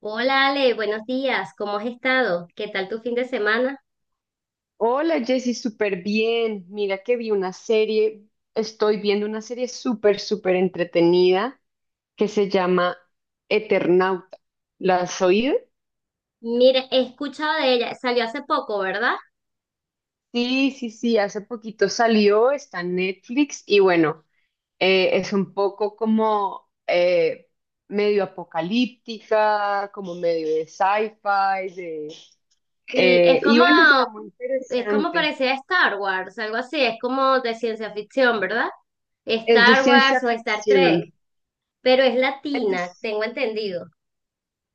Hola Ale, buenos días, ¿cómo has estado? ¿Qué tal tu fin de semana? Hola Jessy, súper bien. Mira que vi una serie, estoy viendo una serie súper entretenida que se llama Eternauta. ¿La has oído? Mire, he escuchado de ella, salió hace poco, ¿verdad? Sí, sí, sí, hace poquito salió, está en Netflix y bueno, es un poco como medio apocalíptica, como medio de sci-fi, de, Sí, y bueno, está muy es como interesante. parecía Star Wars, algo así, es como de ciencia ficción, ¿verdad? Es de Star ciencia Wars o Star Trek, ficción. pero es latina, Es tengo entendido.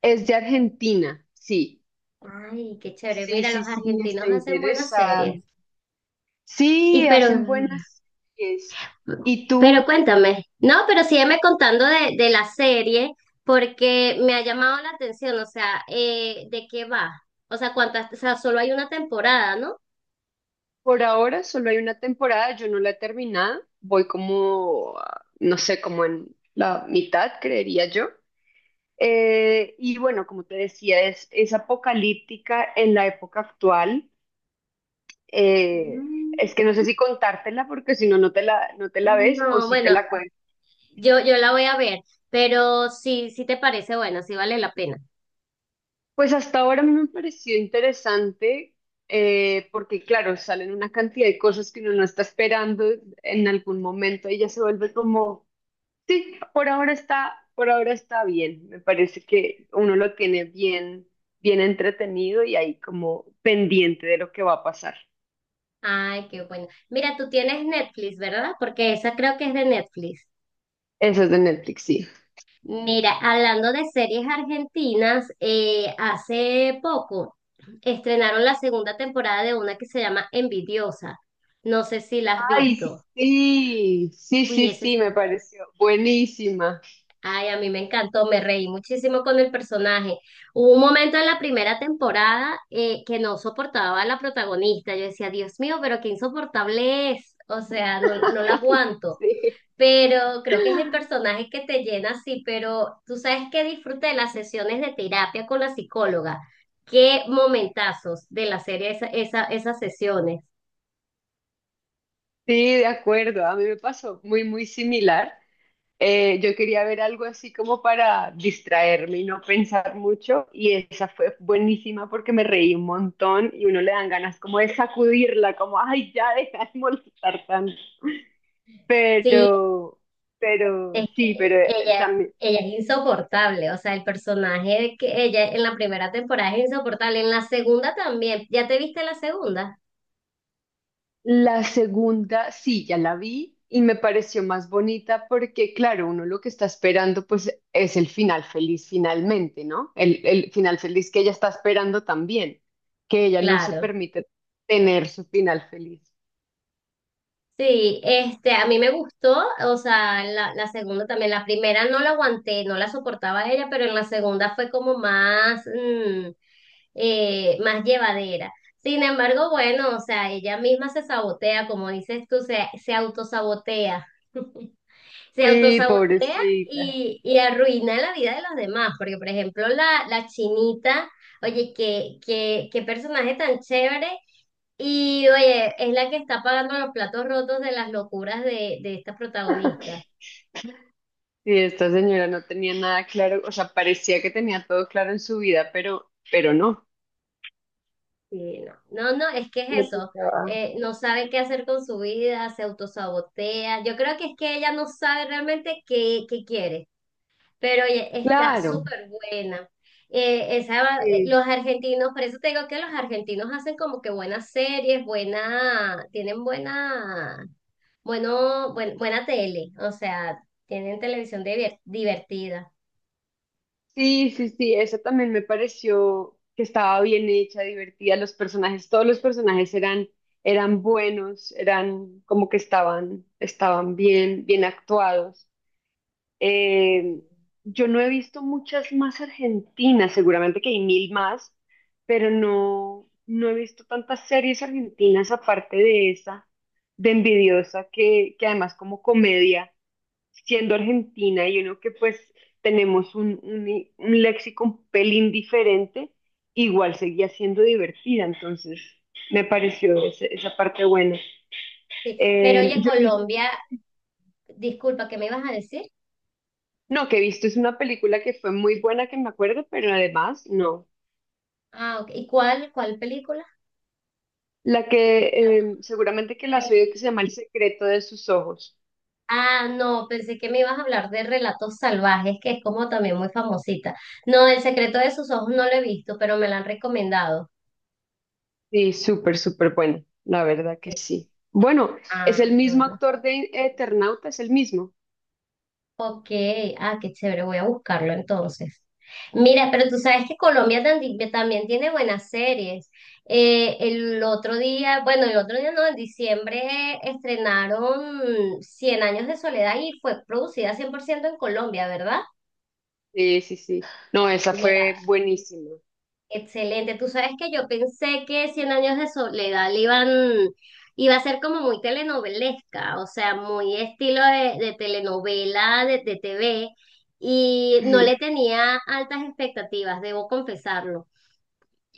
es de Argentina, sí. Ay, qué chévere, Sí, mira, los sí, sí, está argentinos hacen buenas series. interesante. Y Sí, pero hacen buenas series. ¿Y Pero tú? cuéntame, no, pero sígueme contando de la serie porque me ha llamado la atención, o sea, ¿de qué va? O sea, cuántas, o sea, solo hay una temporada, ¿no? Por ahora solo hay una temporada, yo no la he terminado, voy como, ah, no sé, como en la mitad, creería yo. Y bueno, como te decía, es apocalíptica en la época actual. Eh, Mm. es que no sé si contártela porque si no, no te la ves o No, si te bueno, la cuento. yo la voy a ver, pero sí, sí te parece buena, sí vale la pena. Pues hasta ahora a mí me pareció interesante porque, claro, salen una cantidad de cosas que uno no está esperando en algún momento y ya se vuelve como, sí, por ahora está bien. Me parece que uno lo tiene bien, bien entretenido y ahí como pendiente de lo que va a pasar. Ay, qué bueno. Mira, tú tienes Netflix, ¿verdad? Porque esa creo que es de Netflix. Eso es de Netflix, sí. Mira, hablando de series argentinas, hace poco estrenaron la segunda temporada de una que se llama Envidiosa. No sé si la has Ay, visto. sí, sí, Uy, sí, ese es... sí, me pareció buenísima. Ay, a mí me encantó, me reí muchísimo con el personaje. Hubo un momento en la primera temporada que no soportaba a la protagonista. Yo decía, Dios mío, pero qué insoportable es. O sea, no, no la aguanto. Sí, Pero creo que es el personaje que te llena así, pero tú sabes que disfruté de las sesiones de terapia con la psicóloga. Qué momentazos de la serie esa, esas sesiones. sí, de acuerdo. A mí me pasó muy similar. Yo quería ver algo así como para distraerme y no pensar mucho y esa fue buenísima porque me reí un montón y uno le dan ganas como de sacudirla, como, ay, ya deja de molestar tanto. Sí, Pero, pero es sí, pero que ella, también. ella es insoportable, o sea, el personaje de que ella en la primera temporada es insoportable, en la segunda también. ¿Ya te viste la segunda? La segunda, sí, ya la vi y me pareció más bonita porque, claro, uno lo que está esperando pues es el final feliz finalmente, ¿no? El final feliz que ella está esperando también, que ella no se Claro. permite tener su final feliz. Sí, este, a mí me gustó, o sea, la segunda también, la primera no la aguanté, no la soportaba ella, pero en la segunda fue como más, más llevadera. Sin embargo, bueno, o sea, ella misma se sabotea, como dices tú, se autosabotea. Se Sí, autosabotea pobrecita. Y arruina la vida de los demás, porque por ejemplo la chinita, oye, qué personaje tan chévere y oye, es la que está pagando los platos rotos de las locuras de esta protagonista. Sí, esta señora no tenía nada claro, o sea, parecía que tenía todo claro en su vida, pero no. Sí, no. No, no, es que Le es eso. tocaba. No sabe qué hacer con su vida, se autosabotea. Yo creo que es que ella no sabe realmente qué quiere. Pero oye, está Claro. súper buena. Esa, Sí. los argentinos, por eso te digo que los argentinos hacen como que buenas series, buena, tienen buena, bueno, buena tele. O sea, tienen televisión divertida. Sí, sí, sí, esa también me pareció que estaba bien hecha, divertida. Los personajes, todos los personajes eran buenos, eran como que estaban bien, bien actuados. Sí. Eh, yo no he visto muchas más argentinas, seguramente que hay mil más, pero no, no he visto tantas series argentinas aparte de esa, de Envidiosa, que además como comedia siendo argentina y uno que pues tenemos un léxico un pelín diferente, igual seguía siendo divertida, entonces me pareció esa parte buena. Sí, pero oye, Yo he visto, Colombia, disculpa, ¿qué me ibas a decir? no, que he visto es una película que fue muy buena que me acuerdo, pero además no. Ah, ok. ¿Y cuál, cuál película? La que Relatos. Seguramente que la has rel- oído que se llama El secreto de sus ojos. Ah, no, pensé que me ibas a hablar de Relatos Salvajes, que es como también muy famosita. No, El secreto de sus ojos no lo he visto, pero me la han recomendado. Sí, súper, súper buena, la verdad que Sí. sí. Bueno, es el Ah, qué mismo bueno. actor de Eternauta, es el mismo. Ok, ah, qué chévere, voy a buscarlo entonces. Mira, pero tú sabes que Colombia también tiene buenas series. El otro día, bueno, el otro día no, en diciembre estrenaron Cien años de soledad y fue producida 100% en Colombia, ¿verdad? Sí, sí, sí. No, esa Mira, fue buenísima. excelente. Tú sabes que yo pensé que Cien años de soledad iba a ser como muy telenovelesca, o sea, muy estilo de telenovela, de TV, y no Ujú. le tenía altas expectativas, debo confesarlo.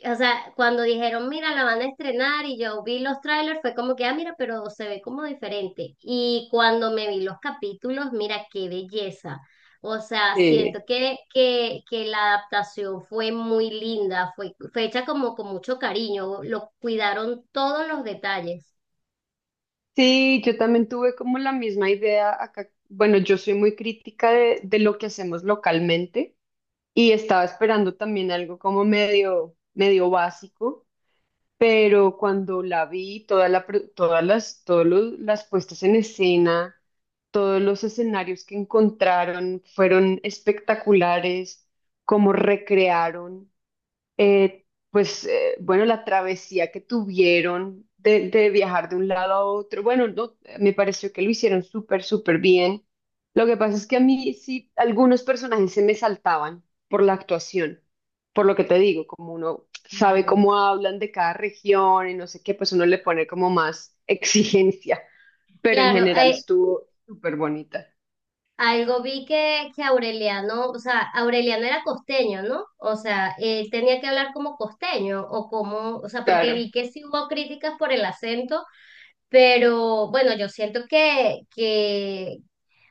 O sea, cuando dijeron, mira, la van a estrenar y yo vi los trailers, fue como que, ah, mira, pero se ve como diferente. Y cuando me vi los capítulos, mira, qué belleza. O sea, siento Eh, que, que la adaptación fue muy linda, fue, fue hecha como con mucho cariño, lo cuidaron todos los detalles. sí, yo también tuve como la misma idea acá. Bueno, yo soy muy crítica de lo que hacemos localmente y estaba esperando también algo como medio, medio básico, pero cuando la vi, todas las, las puestas en escena, todos los escenarios que encontraron fueron espectaculares, como recrearon. Eh, pues bueno, la travesía que tuvieron de viajar de un lado a otro, bueno, no, me pareció que lo hicieron súper, súper bien. Lo que pasa es que a mí sí, algunos personajes se me saltaban por la actuación, por lo que te digo, como uno sabe Claro. cómo hablan de cada región y no sé qué, pues uno le pone como más exigencia, pero en Claro, general estuvo súper bonita. algo vi que Aureliano, o sea, Aureliano era costeño, ¿no? O sea, él tenía que hablar como costeño o como, o sea, porque Claro. vi que sí hubo críticas por el acento, pero bueno, yo siento que,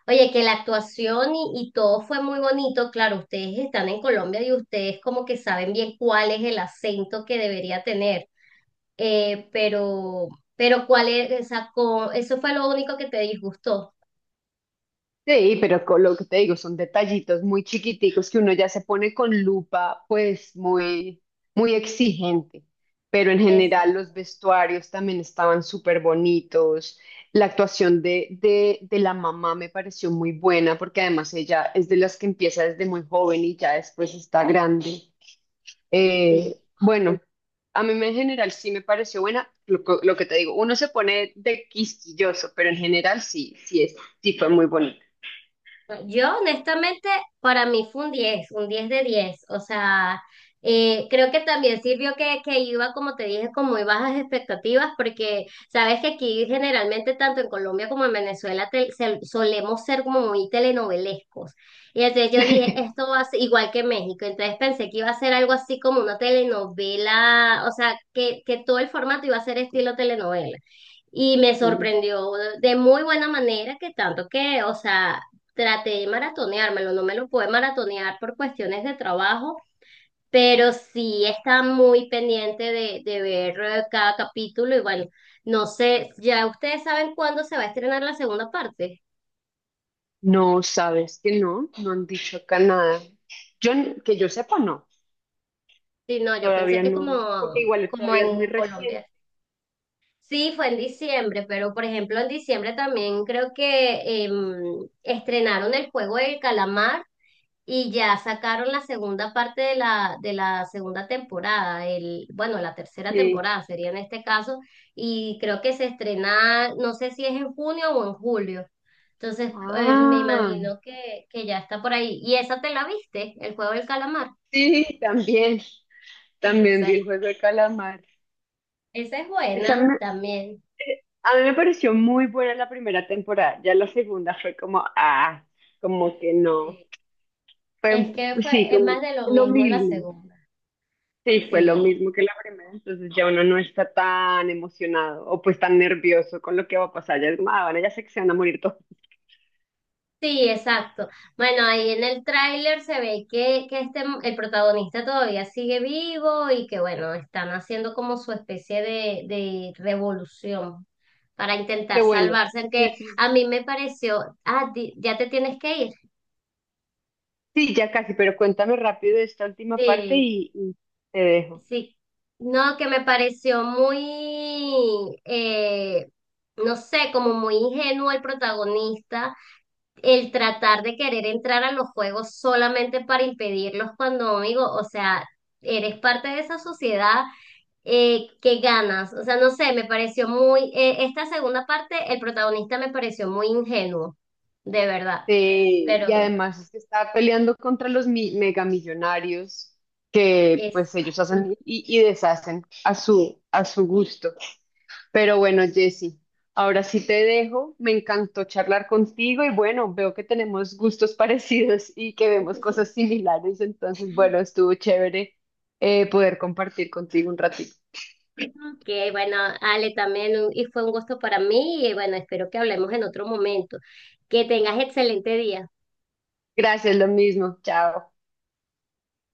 oye, que la actuación y todo fue muy bonito. Claro, ustedes están en Colombia y ustedes como que saben bien cuál es el acento que debería tener, eh, pero, pero cuál es, o sea, eso fue lo único que te disgustó. Sí, pero con lo que te digo, son detallitos muy chiquiticos que uno ya se pone con lupa, pues muy, muy exigente. Pero en general Exacto, los vestuarios también estaban súper bonitos. La actuación de la mamá me pareció muy buena porque además ella es de las que empieza desde muy joven y ya después está grande. sí. Bueno, en general sí me pareció buena. Lo que te digo, uno se pone de quisquilloso, pero en general sí es, sí fue muy bonito. No, yo, honestamente, para mí fue un diez, un 10 de diez. O sea, creo que también sirvió que iba, como te dije, con muy bajas expectativas, porque sabes que aquí generalmente, tanto en Colombia como en Venezuela, solemos ser como muy telenovelescos. Y entonces yo dije, esto va a ser igual que México. Entonces pensé que iba a ser algo así como una telenovela, o sea, que todo el formato iba a ser estilo telenovela. Y me No, sorprendió de muy buena manera que tanto que, o sea, traté de maratoneármelo, no me lo pude maratonear por cuestiones de trabajo, pero sí está muy pendiente de ver cada capítulo y bueno, no sé, ya ustedes saben cuándo se va a estrenar la segunda parte. sabes que no, no han dicho acá nada. Yo, que yo sepa, no, Sí, no, yo pensé todavía que como, no, porque igual como todavía en es muy Colombia. reciente. Sí, fue en diciembre, pero por ejemplo en diciembre también creo que estrenaron el juego del calamar. Y ya sacaron la segunda parte de la segunda temporada, el, bueno, la tercera Sí. temporada sería en este caso, y creo que se estrena, no sé si es en junio o en julio. Entonces, me Ah, imagino que ya está por ahí. ¿Y esa te la viste? El juego del calamar. sí, también, también vi Esa, el juego de calamar. esa es Esa buena me- también. a mí me pareció muy buena la primera temporada, ya la segunda fue como, ah, como que no. Sí. Es que fue, Sí, es como más de lo lo mismo la mismo. segunda. Sí, fue lo Sí. mismo que la primera, entonces ya uno no está tan emocionado o pues tan nervioso con lo que va a pasar, ya es como, ah, bueno, ya sé que se van a morir todos. Sí, exacto. Bueno, ahí en el tráiler se ve que este, el protagonista todavía sigue vivo y que bueno, están haciendo como su especie de revolución para Qué intentar bueno, salvarse, sí, que sí, a mí me pareció, ah, ya te tienes que ir. sí, ya casi, pero cuéntame rápido esta última parte Sí, y te dejo. sí. No, que me pareció muy, no sé, como muy ingenuo el protagonista el tratar de querer entrar a los juegos solamente para impedirlos cuando, amigo, o sea, eres parte de esa sociedad que ganas. O sea, no sé, me pareció muy, esta segunda parte, el protagonista me pareció muy ingenuo, de verdad. Sí, y Pero, además es que está peleando contra megamillonarios que pues ellos exacto. hacen y deshacen a su gusto. Pero bueno, Jessy, ahora sí te dejo. Me encantó charlar contigo y bueno, veo que tenemos gustos parecidos y que vemos cosas similares. Entonces, bueno, estuvo chévere poder compartir contigo un ratito. Ok, bueno, Ale, también y fue un gusto para mí y bueno, espero que hablemos en otro momento. Que tengas excelente día. Gracias, lo mismo. Chao.